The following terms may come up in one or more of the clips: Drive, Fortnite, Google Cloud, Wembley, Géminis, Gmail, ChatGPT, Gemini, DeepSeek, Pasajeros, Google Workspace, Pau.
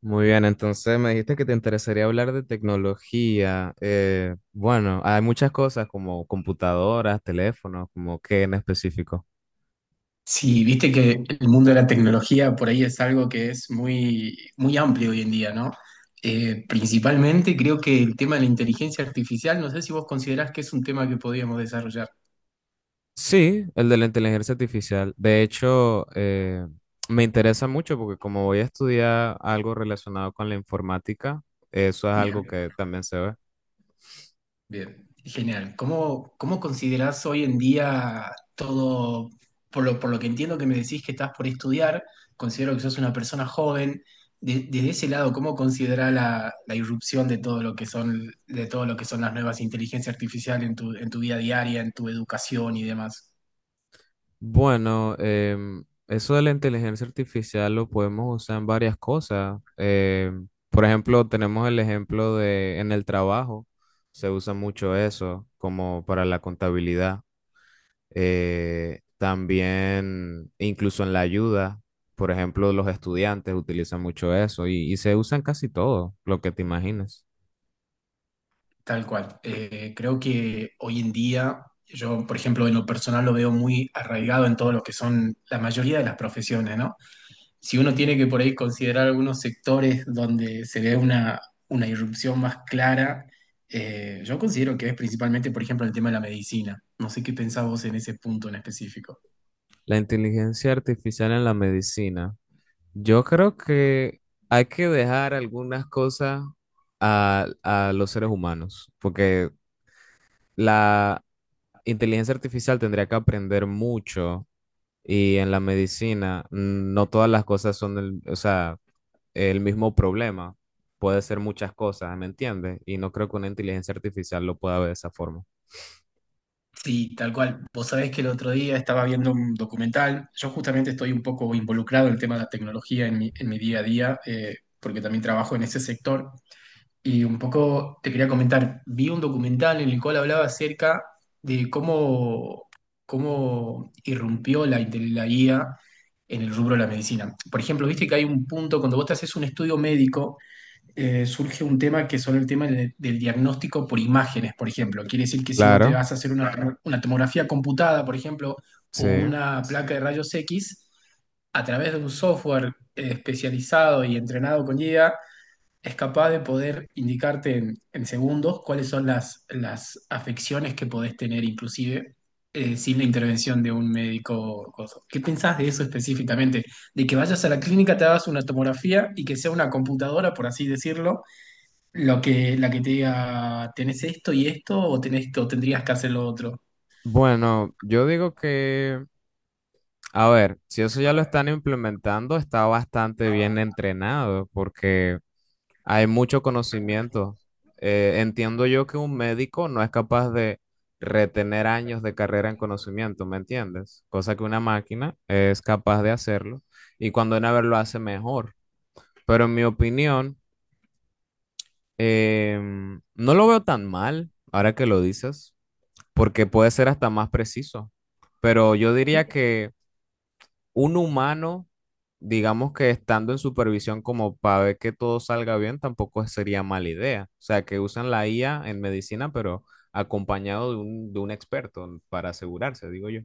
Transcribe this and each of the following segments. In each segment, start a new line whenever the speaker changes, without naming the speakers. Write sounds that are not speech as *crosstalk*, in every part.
Muy bien, entonces me dijiste que te interesaría hablar de tecnología. Bueno, hay muchas cosas como computadoras, teléfonos, como qué en específico.
Sí, viste que el mundo de la tecnología por ahí es algo que es muy, muy amplio hoy en día, ¿no? Principalmente creo que el tema de la inteligencia artificial, no sé si vos considerás que es un tema que podríamos desarrollar.
Sí, el de la inteligencia artificial. De hecho, me interesa mucho porque como voy a estudiar algo relacionado con la informática, eso es algo
Bien.
que también se ve.
Bien, genial. ¿Cómo considerás hoy en día todo, por lo que entiendo que me decís que estás por estudiar, considero que sos una persona joven, desde ese lado, ¿cómo considerás la irrupción de todo lo que son, de todo lo que son las nuevas inteligencias artificiales en tu vida diaria, en tu educación y demás?
Bueno, eso de la inteligencia artificial lo podemos usar en varias cosas. Por ejemplo, tenemos el ejemplo de en el trabajo, se usa mucho eso como para la contabilidad. También, incluso en la ayuda, por ejemplo, los estudiantes utilizan mucho eso y se usa en casi todo lo que te imagines.
Tal cual. Creo que hoy en día, yo, por ejemplo, en lo personal lo veo muy arraigado en todo lo que son la mayoría de las profesiones, ¿no? Si uno tiene que por ahí considerar algunos sectores donde se ve una irrupción más clara, yo considero que es principalmente, por ejemplo, el tema de la medicina. No sé qué pensás vos en ese punto en específico.
La inteligencia artificial en la medicina. Yo creo que hay que dejar algunas cosas a los seres humanos, porque la inteligencia artificial tendría que aprender mucho y en la medicina no todas las cosas son o sea, el mismo problema. Puede ser muchas cosas, ¿me entiendes? Y no creo que una inteligencia artificial lo pueda ver de esa forma.
Sí, tal cual. Vos sabés que el otro día estaba viendo un documental. Yo justamente estoy un poco involucrado en el tema de la tecnología en mi día a día, porque también trabajo en ese sector. Y un poco te quería comentar, vi un documental en el cual hablaba acerca de cómo irrumpió la IA en el rubro de la medicina. Por ejemplo, viste que hay un punto, cuando vos te haces un estudio médico, surge un tema que son el tema del diagnóstico por imágenes, por ejemplo. Quiere decir que si vos te
Claro,
vas a hacer una tomografía computada, por ejemplo,
sí.
o una placa de rayos X, a través de un software especializado y entrenado con IA, es capaz de poder indicarte en segundos cuáles son las afecciones que podés tener inclusive sin la intervención de un médico. O ¿Qué pensás de eso específicamente? De que vayas a la clínica, te hagas una tomografía y que sea una computadora, por así decirlo, lo que, la que te diga, tenés esto y esto o tenés, o tendrías que hacer lo otro.
Bueno, yo digo que... A ver, si eso ya lo están implementando, está bastante bien entrenado porque hay mucho conocimiento. Entiendo yo que un médico no es capaz de retener años de carrera en conocimiento, ¿me entiendes? Cosa que una máquina es capaz de hacerlo y cuando una vez lo hace mejor. Pero en mi opinión, no lo veo tan mal, ahora que lo dices, porque puede ser hasta más preciso. Pero yo diría que... Un humano, digamos, que estando en supervisión como para ver que todo salga bien, tampoco sería mala idea. O sea, que usan la IA en medicina, pero acompañado de un experto para asegurarse, digo yo.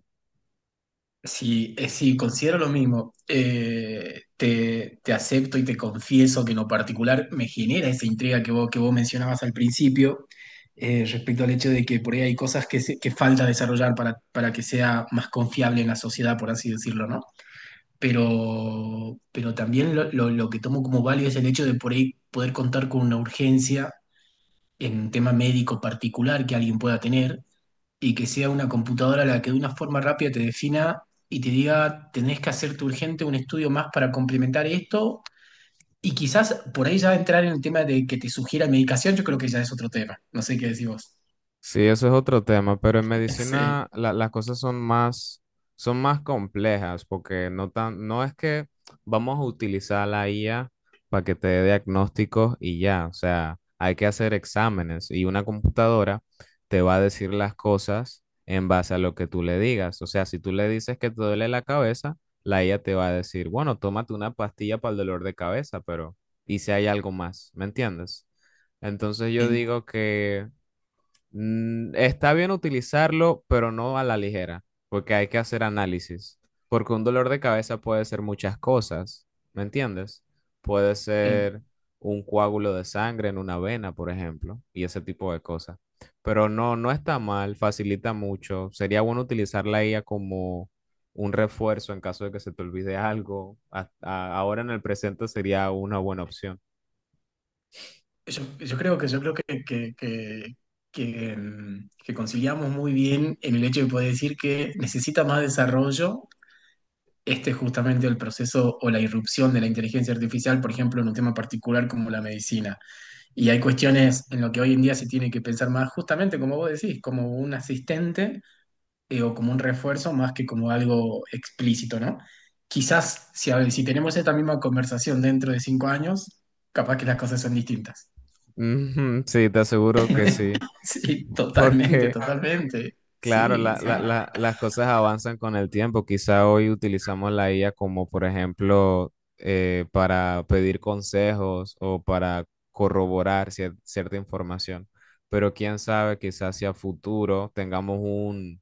Sí, sí, considero lo mismo. Te acepto y te confieso que en lo particular me genera esa intriga que vos mencionabas al principio, respecto al hecho de que por ahí hay cosas que falta desarrollar para que sea más confiable en la sociedad, por así decirlo, ¿no? Pero también lo que tomo como válido es el hecho de por ahí poder contar con una urgencia en un tema médico particular que alguien pueda tener y que sea una computadora la que de una forma rápida te defina y te diga, tenés que hacerte urgente un estudio más para complementar esto. Y quizás por ahí ya entrar en el tema de que te sugiera medicación, yo creo que ya es otro tema. No sé qué decís vos.
Sí, eso es otro tema, pero en
*laughs* Sí.
medicina las cosas son más complejas porque no es que vamos a utilizar la IA para que te dé diagnósticos y ya, o sea, hay que hacer exámenes y una computadora te va a decir las cosas en base a lo que tú le digas. O sea, si tú le dices que te duele la cabeza, la IA te va a decir, bueno, tómate una pastilla para el dolor de cabeza, pero ¿y si hay algo más? ¿Me entiendes? Entonces yo
En-
digo que... Está bien utilizarlo, pero no a la ligera, porque hay que hacer análisis, porque un dolor de cabeza puede ser muchas cosas, ¿me entiendes? Puede
en-
ser un coágulo de sangre en una vena, por ejemplo, y ese tipo de cosas. Pero no, no está mal, facilita mucho. Sería bueno utilizar la IA como un refuerzo en caso de que se te olvide algo. Ahora en el presente sería una buena opción.
yo creo que, que, mm, que conciliamos muy bien en el hecho de poder decir que necesita más desarrollo. Este es justamente el proceso o la irrupción de la inteligencia artificial, por ejemplo, en un tema particular como la medicina. Y hay cuestiones en lo que hoy en día se tiene que pensar más, justamente como vos decís, como un asistente o como un refuerzo más que como algo explícito, ¿no? Quizás si tenemos esta misma conversación dentro de 5 años, capaz que las cosas son distintas.
Ujú, sí, te aseguro que
*laughs*
sí.
Sí, totalmente,
Porque...
totalmente.
Claro,
Sí, sí,
las cosas avanzan con el tiempo. Quizá hoy utilizamos la IA como, por ejemplo, para pedir consejos o para corroborar cierta información. Pero quién sabe, quizá hacia futuro tengamos un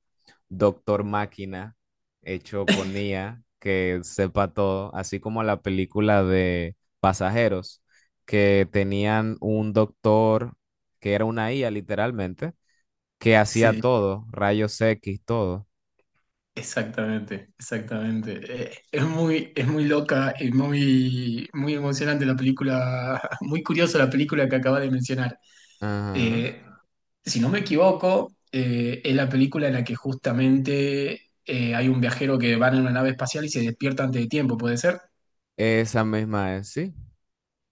doctor máquina hecho con IA que sepa todo, así como la película de Pasajeros, que tenían un doctor que era una IA literalmente, que hacía
sí,
todo, rayos X, todo.
exactamente, exactamente. Es muy loca y muy, muy emocionante la película, *laughs* muy curiosa la película que acaba de mencionar.
Ajá.
Eh, Si no me equivoco, es la película en la que justamente hay un viajero que va en una nave espacial y se despierta antes de tiempo, ¿puede ser?
Esa misma es, sí.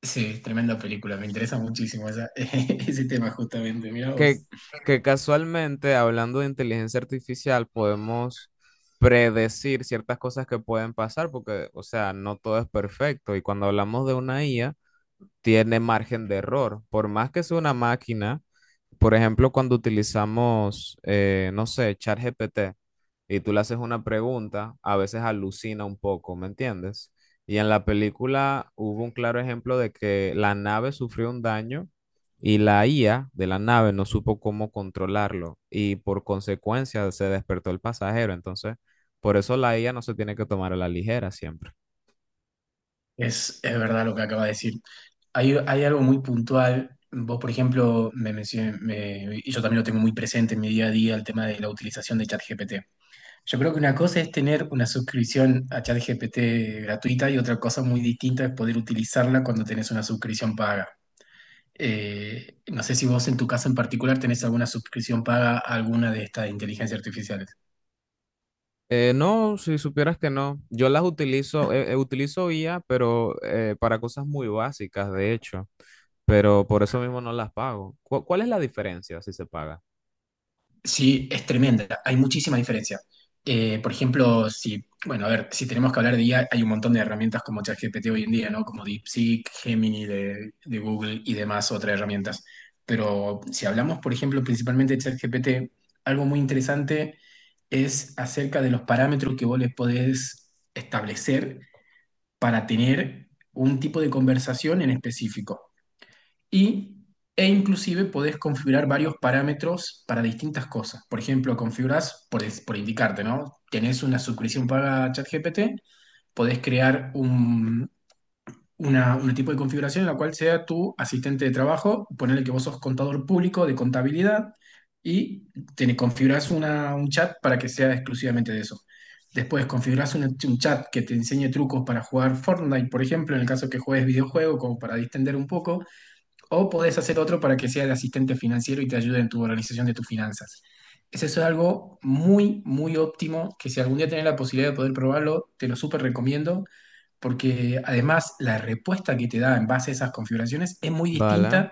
Sí, tremenda película, me interesa muchísimo esa- *laughs* ese tema justamente, mirá
Que,
vos.
que casualmente, hablando de inteligencia artificial, podemos predecir ciertas cosas que pueden pasar, porque, o sea, no todo es perfecto. Y cuando hablamos de una IA, tiene margen de error. Por más que sea una máquina, por ejemplo, cuando utilizamos, no sé, ChatGPT. Y tú le haces una pregunta, a veces alucina un poco, ¿me entiendes? Y en la película hubo un claro ejemplo de que la nave sufrió un daño y la IA de la nave no supo cómo controlarlo y por consecuencia se despertó el pasajero. Entonces, por eso la IA no se tiene que tomar a la ligera siempre.
Es verdad lo que acaba de decir. Hay algo muy puntual, vos por ejemplo, y yo también lo tengo muy presente en mi día a día, el tema de la utilización de ChatGPT. Yo creo que una cosa es tener una suscripción a ChatGPT gratuita y otra cosa muy distinta es poder utilizarla cuando tenés una suscripción paga. No sé si vos en tu caso en particular tenés alguna suscripción paga a alguna de estas inteligencias artificiales.
No, si supieras que no. Yo las utilizo, utilizo IA, pero para cosas muy básicas, de hecho, pero por eso mismo no las pago. ¿Cuál es la diferencia si se paga?
Sí, es tremenda. Hay muchísima diferencia. Por ejemplo, bueno, a ver, si tenemos que hablar de IA, hay un montón de herramientas como ChatGPT hoy en día, ¿no? Como DeepSeek, Gemini de Google y demás otras herramientas. Pero si hablamos, por ejemplo, principalmente de ChatGPT, algo muy interesante es acerca de los parámetros que vos les podés establecer para tener un tipo de conversación en específico y, e inclusive podés configurar varios parámetros para distintas cosas. Por ejemplo, configurás, por indicarte, ¿no? Tenés una suscripción paga a ChatGPT, podés crear un tipo de configuración en la cual sea tu asistente de trabajo, ponerle que vos sos contador público de contabilidad y te configurás un chat para que sea exclusivamente de eso. Después configurás un chat que te enseñe trucos para jugar Fortnite, por ejemplo, en el caso que juegues videojuego, como para distender un poco. O podés hacer otro para que sea el asistente financiero y te ayude en tu organización de tus finanzas. Eso es algo muy, muy óptimo, que si algún día tenés la posibilidad de poder probarlo, te lo súper recomiendo, porque además la respuesta que te da en base a esas configuraciones es muy
Vale.
distinta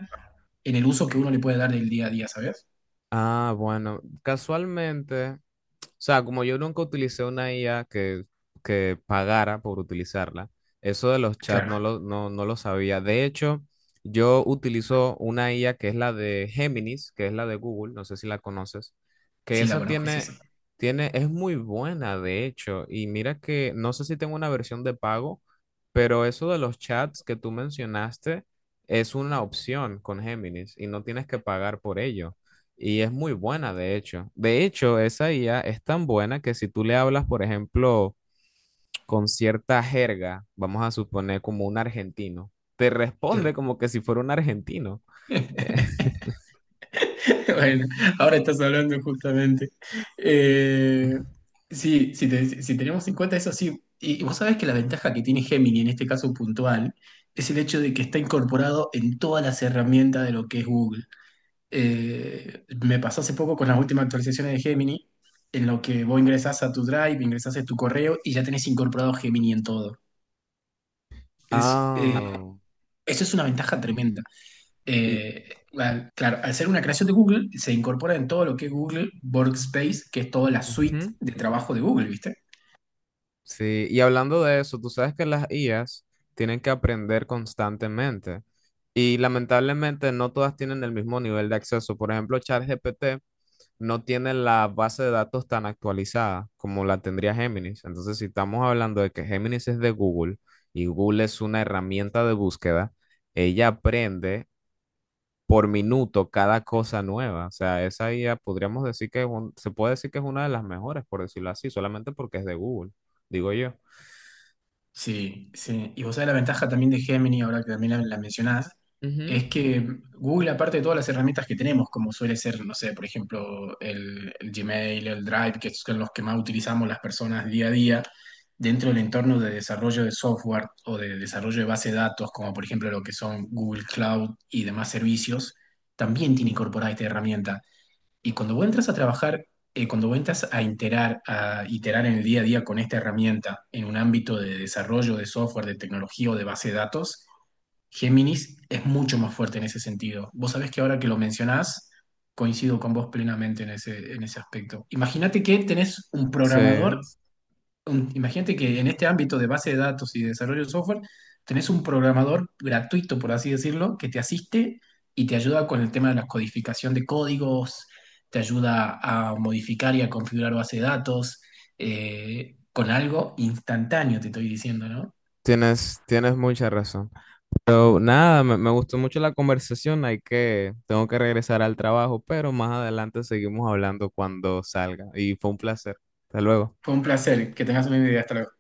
en el uso que uno le puede dar del día a día, ¿sabes?
Ah, bueno, casualmente, o sea, como yo nunca utilicé una IA que pagara por utilizarla, eso de los chats
Claro,
no lo sabía. De hecho, yo utilizo una IA que es la de Géminis, que es la de Google, no sé si la conoces, que
sí la
esa
conozco, sí,
tiene,
sí.
tiene, es muy buena, de hecho, y mira que no sé si tengo una versión de pago, pero eso de los chats que tú mencionaste es una opción con Géminis y no tienes que pagar por ello. Y es muy buena, de hecho. De hecho, esa IA es tan buena que si tú le hablas, por ejemplo, con cierta jerga, vamos a suponer, como un argentino, te
Sí.
responde como que si fuera un argentino. Eh,
*laughs* *laughs* Bueno, ahora estás hablando justamente. Eh,
*laughs*
sí, si tenemos en cuenta eso, sí. Y vos sabés que la ventaja que tiene Gemini en este caso puntual es el hecho de que está incorporado en todas las herramientas de lo que es Google. Me pasó hace poco con las últimas actualizaciones de Gemini, en lo que vos ingresás a tu Drive, ingresás a tu correo y ya tenés incorporado Gemini en todo. Es, eh,
Ah,
Eso es una ventaja tremenda,
y,
eh, claro, al ser una creación de Google, se incorpora en todo lo que es Google Workspace, que es toda la suite
ujú,
de trabajo de Google, ¿viste?
sí, y hablando de eso, tú sabes que las IAs tienen que aprender constantemente y lamentablemente no todas tienen el mismo nivel de acceso. Por ejemplo, ChatGPT no tiene la base de datos tan actualizada como la tendría Géminis. Entonces, si estamos hablando de que Géminis es de Google y Google es una herramienta de búsqueda, ella aprende por minuto cada cosa nueva. O sea, esa IA podríamos decir que es se puede decir que es una de las mejores, por decirlo así, solamente porque es de Google, digo yo.
Sí, sí. Y vos sabés la ventaja también de Gemini, ahora que también la mencionás,
Ujú.
es que Google, aparte de todas las herramientas que tenemos, como suele ser, no sé, por ejemplo, el Gmail, el Drive, que son los que más utilizamos las personas día a día, dentro del entorno de desarrollo de software o de desarrollo de base de datos, como por ejemplo lo que son Google Cloud y demás servicios, también tiene incorporada esta herramienta. Y cuando vos entras a trabajar, cuando vos entras a iterar, en el día a día con esta herramienta en un ámbito de desarrollo de software, de tecnología o de base de datos, Géminis es mucho más fuerte en ese sentido. Vos sabés que ahora que lo mencionás, coincido con vos plenamente en ese aspecto. Imagínate que tenés un
Sí,
programador imagínate que en este ámbito de base de datos y de desarrollo de software, tenés un programador gratuito, por así decirlo, que te asiste y te ayuda con el tema de la codificación de códigos, te ayuda a modificar y a configurar base de datos, con algo instantáneo, te estoy diciendo, ¿no?
tienes, tienes mucha razón. Pero nada, me gustó mucho la conversación. Hay que... tengo que regresar al trabajo, pero más adelante seguimos hablando cuando salga. Y fue un placer. Hasta luego.
Fue un placer, que tengas una idea. Hasta luego.